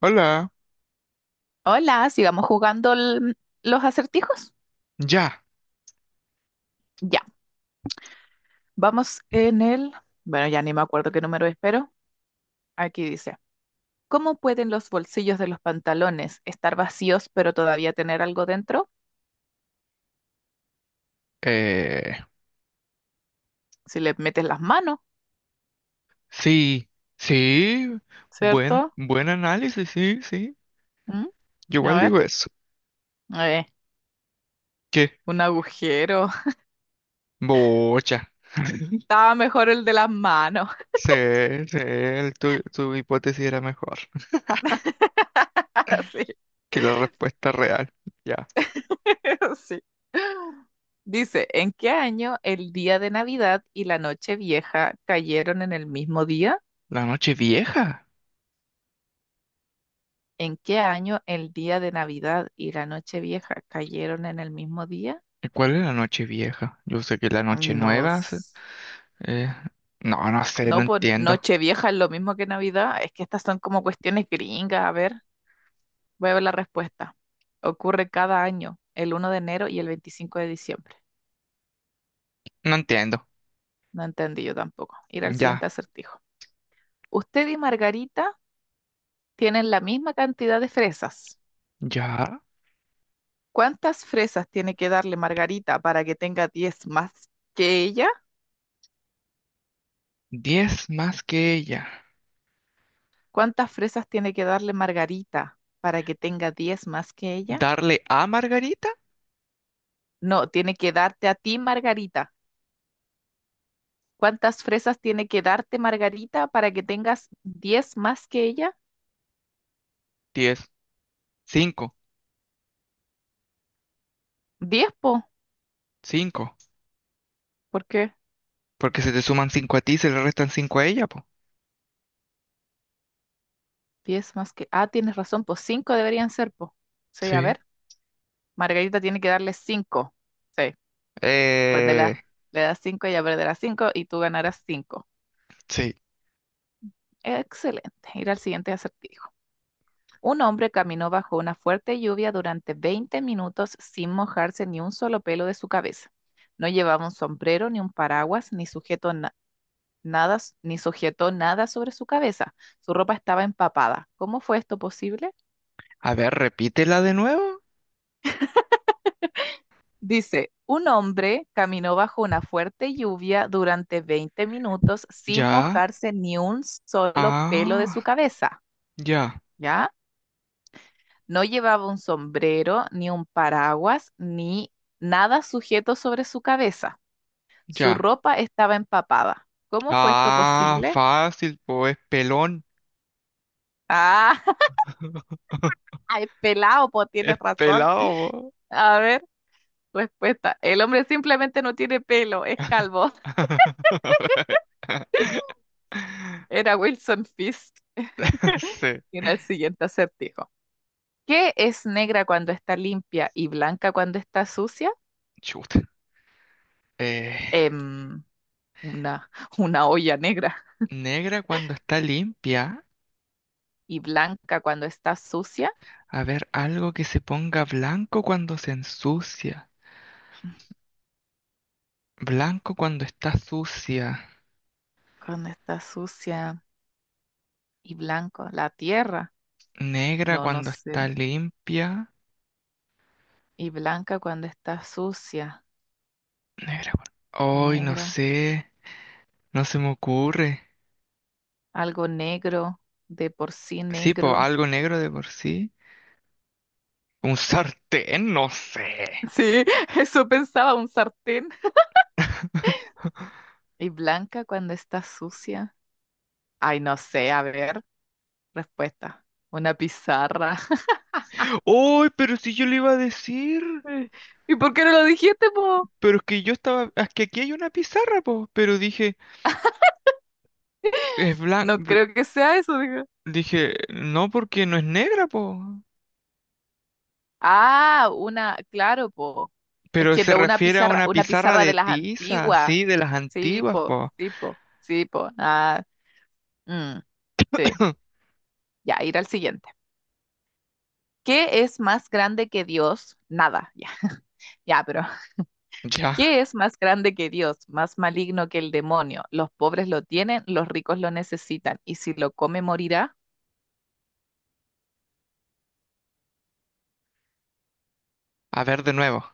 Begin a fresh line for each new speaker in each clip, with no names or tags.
Hola,
Hola, sigamos jugando los acertijos.
ya.
Ya, vamos en el... Bueno, ya ni me acuerdo qué número es, pero aquí dice, ¿cómo pueden los bolsillos de los pantalones estar vacíos pero todavía tener algo dentro?
Eh,
Si le metes las manos,
sí, sí, buen,
¿cierto?
buen análisis, sí, sí.
¿Mm?
Yo
A
igual
ver,
digo eso.
eh,
¿Qué?
un agujero.
Bocha.
Estaba mejor el de las manos.
Sí, sí, tu hipótesis era mejor
Sí,
que la respuesta real. Ya.
sí. Dice, ¿en qué año el día de Navidad y la noche vieja cayeron en el mismo día?
La noche vieja.
¿En qué año el día de Navidad y la Nochevieja cayeron en el mismo día?
¿Cuál es la noche vieja? Yo sé que la noche
No,
nueva. Eh, no, no sé, no
no, pues
entiendo.
Nochevieja es lo mismo que Navidad. Es que estas son como cuestiones gringas. A ver, voy a ver la respuesta. Ocurre cada año, el 1 de enero y el 25 de diciembre.
No entiendo.
No entendí yo tampoco. Ir al siguiente
Ya,
acertijo. Usted y Margarita tienen la misma cantidad de fresas.
ya.
¿Cuántas fresas tiene que darle Margarita para que tenga 10 más que ella?
10 más que ella.
¿Cuántas fresas tiene que darle Margarita para que tenga 10 más que ella?
¿Darle a Margarita?
No, tiene que darte a ti, Margarita. ¿Cuántas fresas tiene que darte Margarita para que tengas 10 más que ella?
10. Cinco.
10, po.
Cinco.
¿Por qué?
Porque se te suman cinco a ti y se le restan cinco a ella, po.
10 más que... Ah, tienes razón, po. Cinco deberían ser, po. Sí, a
Sí.
ver. Margarita tiene que darle 5. Sí. Cuando la-
Eh,
Le das cinco, ella perderá 5 y tú ganarás 5.
sí.
Excelente. Ir al siguiente acertijo. Un hombre caminó bajo una fuerte lluvia durante 20 minutos sin mojarse ni un solo pelo de su cabeza. No llevaba un sombrero, ni un paraguas, ni nada, ni sujetó nada sobre su cabeza. Su ropa estaba empapada. ¿Cómo fue esto posible?
A ver, repítela de nuevo.
Dice, un hombre caminó bajo una fuerte lluvia durante 20 minutos sin
Ya.
mojarse ni un solo pelo de
Ah,
su cabeza.
ya,
¿Ya? No llevaba un sombrero, ni un paraguas, ni nada sujeto sobre su cabeza. Su
ya.
ropa estaba empapada. ¿Cómo fue esto
Ah,
posible?
fácil, po. Es pelón.
Ah, ay, pelado, pues
Es
tienes razón.
pelado,
A ver, respuesta. El hombre simplemente no tiene pelo,
po.
es calvo. Era Wilson Fisk.
Sí.
Mira el siguiente acertijo. ¿Qué es negra cuando está limpia y blanca cuando está sucia?
Chuta. Eh,
Em, una, una olla negra.
Negra cuando está limpia.
¿Y blanca cuando está sucia?
A ver, algo que se ponga blanco cuando se ensucia. Blanco cuando está sucia.
Cuando está sucia y blanco, la tierra,
Negra
no, no
cuando
sé,
está limpia.
y blanca cuando está sucia,
Negra cuando... Ay, no
negra,
sé. No se me ocurre.
algo negro, de por sí
Sí, pues
negro.
algo negro de por sí. Un sartén, no sé.
Sí, eso pensaba un sartén. Y blanca cuando está sucia. Ay, no sé, a ver, respuesta, una pizarra.
¡Ay, pero si yo le iba a decir!
¿Y por qué no lo dijiste, po?
Pero es que es que aquí hay una pizarra, po. Pero dije, es
No
blanco...
creo que sea eso, digo.
dije, no, porque no es negra, po.
Ah, una, claro, po. Es
Pero
que
se
no una
refiere a
pizarra,
una
una
pizarra
pizarra de
de
las
tiza,
antiguas.
sí, de las
Sí,
antiguas,
po,
po.
sí, po, sí, po. Ah, mm, sí, ya, ir al siguiente. ¿Qué es más grande que Dios? Nada, ya, ya, pero
Ya.
¿qué es más grande que Dios? Más maligno que el demonio. Los pobres lo tienen, los ricos lo necesitan, y si lo come morirá.
A ver de nuevo.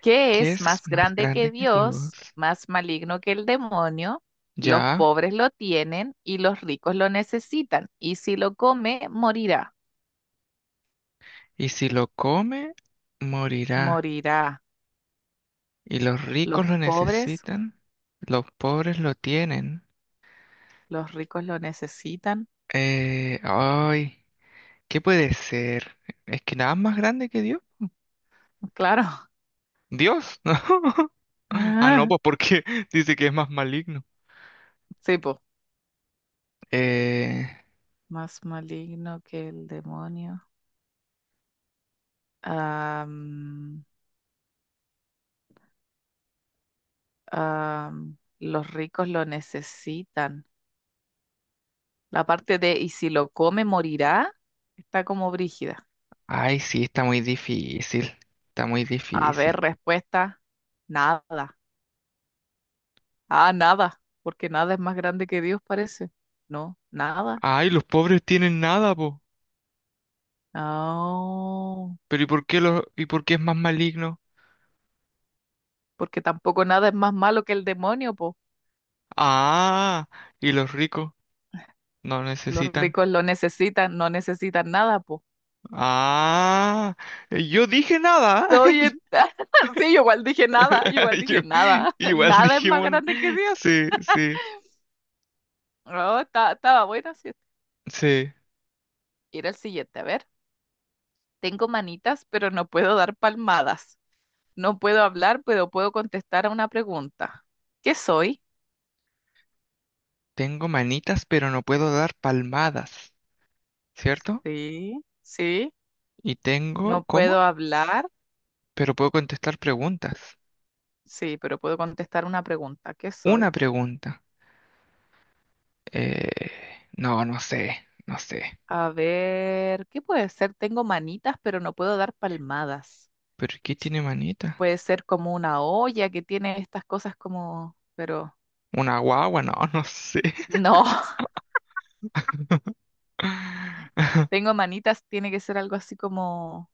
¿Qué
¿Qué
es
es
más
más
grande
grande
que
que Dios?
Dios? Más maligno que el demonio. Los
Ya,
pobres lo tienen y los ricos lo necesitan, y si lo come morirá.
y si lo come, morirá.
Morirá.
Y los
Los
ricos lo
pobres.
necesitan, los pobres lo tienen.
Los ricos lo necesitan,
Ay, ¿qué puede ser? ¿Es que nada es más grande que Dios?
claro.
Dios, ¿no? Ah, no,
Ah,
pues porque dice que es más maligno.
sí, po.
Eh,
Más maligno que el demonio. Am, los ricos lo necesitan. La parte de y si lo come morirá está como brígida.
Ay, sí, está muy difícil. Está muy
A ver,
difícil.
respuesta, nada. Ah, nada, porque nada es más grande que Dios, parece. No, nada.
Ay, los pobres tienen nada, po.
No,
Pero ¿y por qué y por qué es más maligno?
porque tampoco nada es más malo que el demonio, po.
Ah, y los ricos no
Los
necesitan.
ricos lo necesitan, no necesitan nada, po.
Ah, yo dije nada.
No, y esta- Sí, yo igual dije nada, yo igual
Yo-
dije nada,
Igual
nada es más
dijimos,
grande que Dios.
sí, sí,
No, estaba buena, sí.
sí.
Era el siguiente, a ver, tengo manitas, pero no puedo dar palmadas. No puedo hablar, pero puedo contestar a una pregunta. ¿Qué soy?
Tengo manitas, pero no puedo dar palmadas, ¿cierto?
Sí, sí,
Y tengo,
no
¿cómo?
puedo hablar,
Pero puedo contestar preguntas.
sí, pero puedo contestar una pregunta. ¿Qué
Una
soy?
pregunta. No, no sé, no sé.
A ver, ¿qué puede ser? Tengo manitas, pero no puedo dar palmadas.
¿Pero qué tiene manita?
Puede ser como una olla que tiene estas cosas como, pero...
¿Una guagua? No, no sé.
No, tengo manitas, tiene que ser algo así como,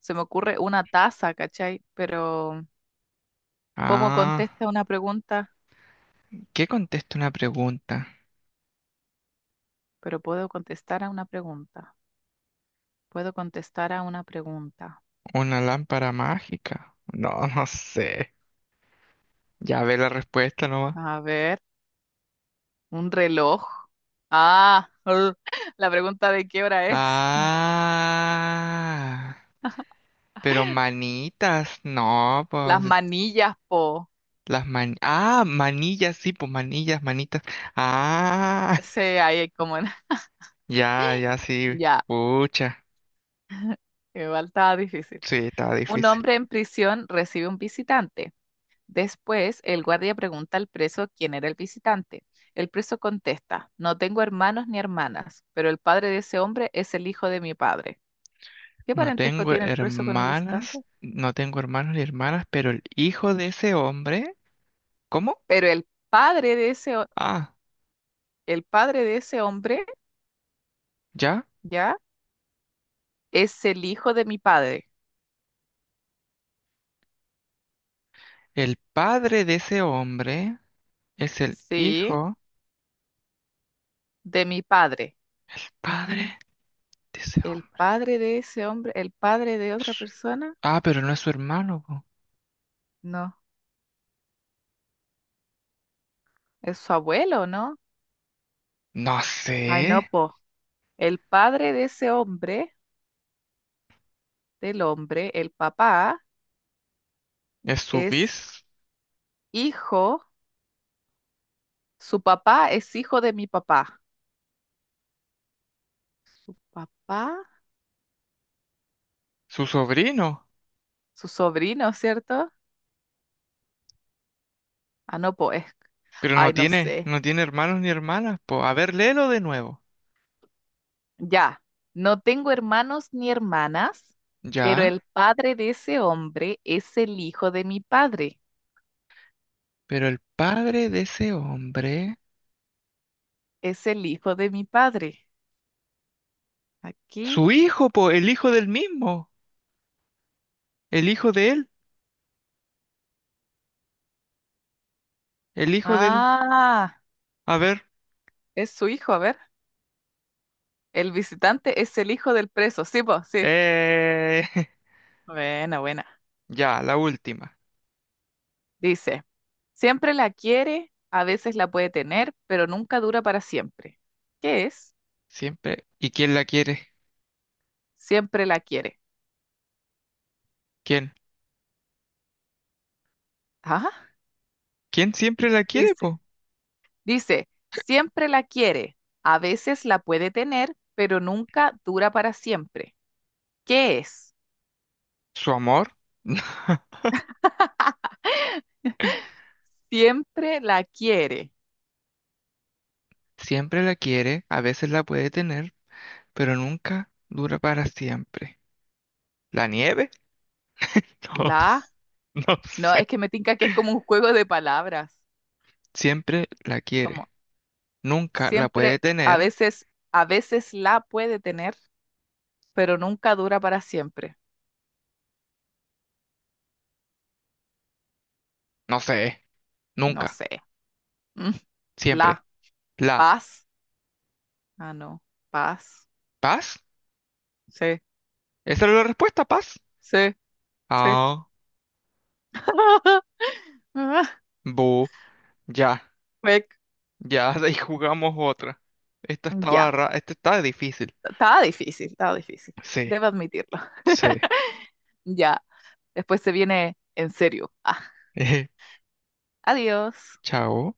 se me ocurre una taza, ¿cachai? Pero, ¿cómo
Ah.
contesta una pregunta?
¿Qué contesta una pregunta?
Pero puedo contestar a una pregunta. Puedo contestar a una pregunta.
¿Una lámpara mágica? No, no sé. Ya ve la respuesta nomás.
A ver, un reloj. Ah, la pregunta de qué hora es.
Ah, pero manitas, no,
Las
pues
manillas, po.
ah, manillas, sí, pues manillas, manitas. Ah,
Ese ahí es como.
ya, ya, sí.
Ya,
Pucha,
igual estaba difícil.
sí, estaba
Un
difícil.
hombre en prisión recibe un visitante. Después, el guardia pregunta al preso quién era el visitante. El preso contesta, no tengo hermanos ni hermanas, pero el padre de ese hombre es el hijo de mi padre. ¿Qué
No
parentesco
tengo
tiene el preso con el visitante?
hermanas, no tengo hermanos ni hermanas, pero el hijo de ese hombre, ¿cómo?
Pero el padre de ese, ho-
Ah,
el padre de ese hombre,
ya.
¿ya? Es el hijo de mi padre.
El padre de ese hombre es el
Sí,
hijo,
de mi padre.
el padre de ese
¿El
hombre.
padre de ese hombre, el padre de otra persona?
Ah, pero no es su hermano, po.
No, es su abuelo, ¿no?
No sé.
Ay, no, po. El padre de ese hombre, del hombre, el papá
Es su
es
bis,
hijo, su papá es hijo de mi papá. Papá,
su sobrino.
su sobrino, ¿cierto? Ah, no, pues.
Pero
Ay,
no
no
tiene,
sé.
no tiene hermanos ni hermanas, po. A ver, léelo de nuevo.
Ya, no tengo hermanos ni hermanas, pero
Ya,
el padre de ese hombre es el hijo de mi padre.
pero el padre de ese hombre.
Es el hijo de mi padre. Aquí.
Su hijo, po, el hijo del mismo. El hijo de él. El hijo del.
Ah,
A ver.
es su hijo, a ver. El visitante es el hijo del preso. Sí, pues, sí.
Eh...
Buena, buena.
Ya, la última.
Dice, siempre la quiere, a veces la puede tener, pero nunca dura para siempre. ¿Qué es?
Siempre. ¿Y quién la quiere?
Siempre la quiere.
¿Quién?
Ah,
¿Quién siempre la quiere,
dice,
po?
dice, siempre la quiere, a veces la puede tener, pero nunca dura para siempre. ¿Qué es?
¿Su amor?
Siempre la quiere.
Siempre la quiere, a veces la puede tener, pero nunca dura para siempre. ¿La nieve? No,
La,
no
no,
sé.
es que me tinca que es como un juego de palabras.
Siempre la
Como
quiere, nunca la puede
siempre,
tener,
a veces la puede tener, pero nunca dura para siempre.
no sé,
No
nunca,
sé. Mm,
siempre.
la.
¿La
Paz. Ah, no. Paz.
paz?
Sí,
¿Esa era la respuesta, paz?
sí, sí.
Ah,
Ah,
bu, ya,
fue-
ya, de ahí jugamos otra. Esta estaba
Ya.
ra- esta está difícil.
Estaba difícil, estaba difícil.
Sí,
Debo admitirlo.
sí.
Ya. Después se viene en serio. Ah, adiós.
Chao.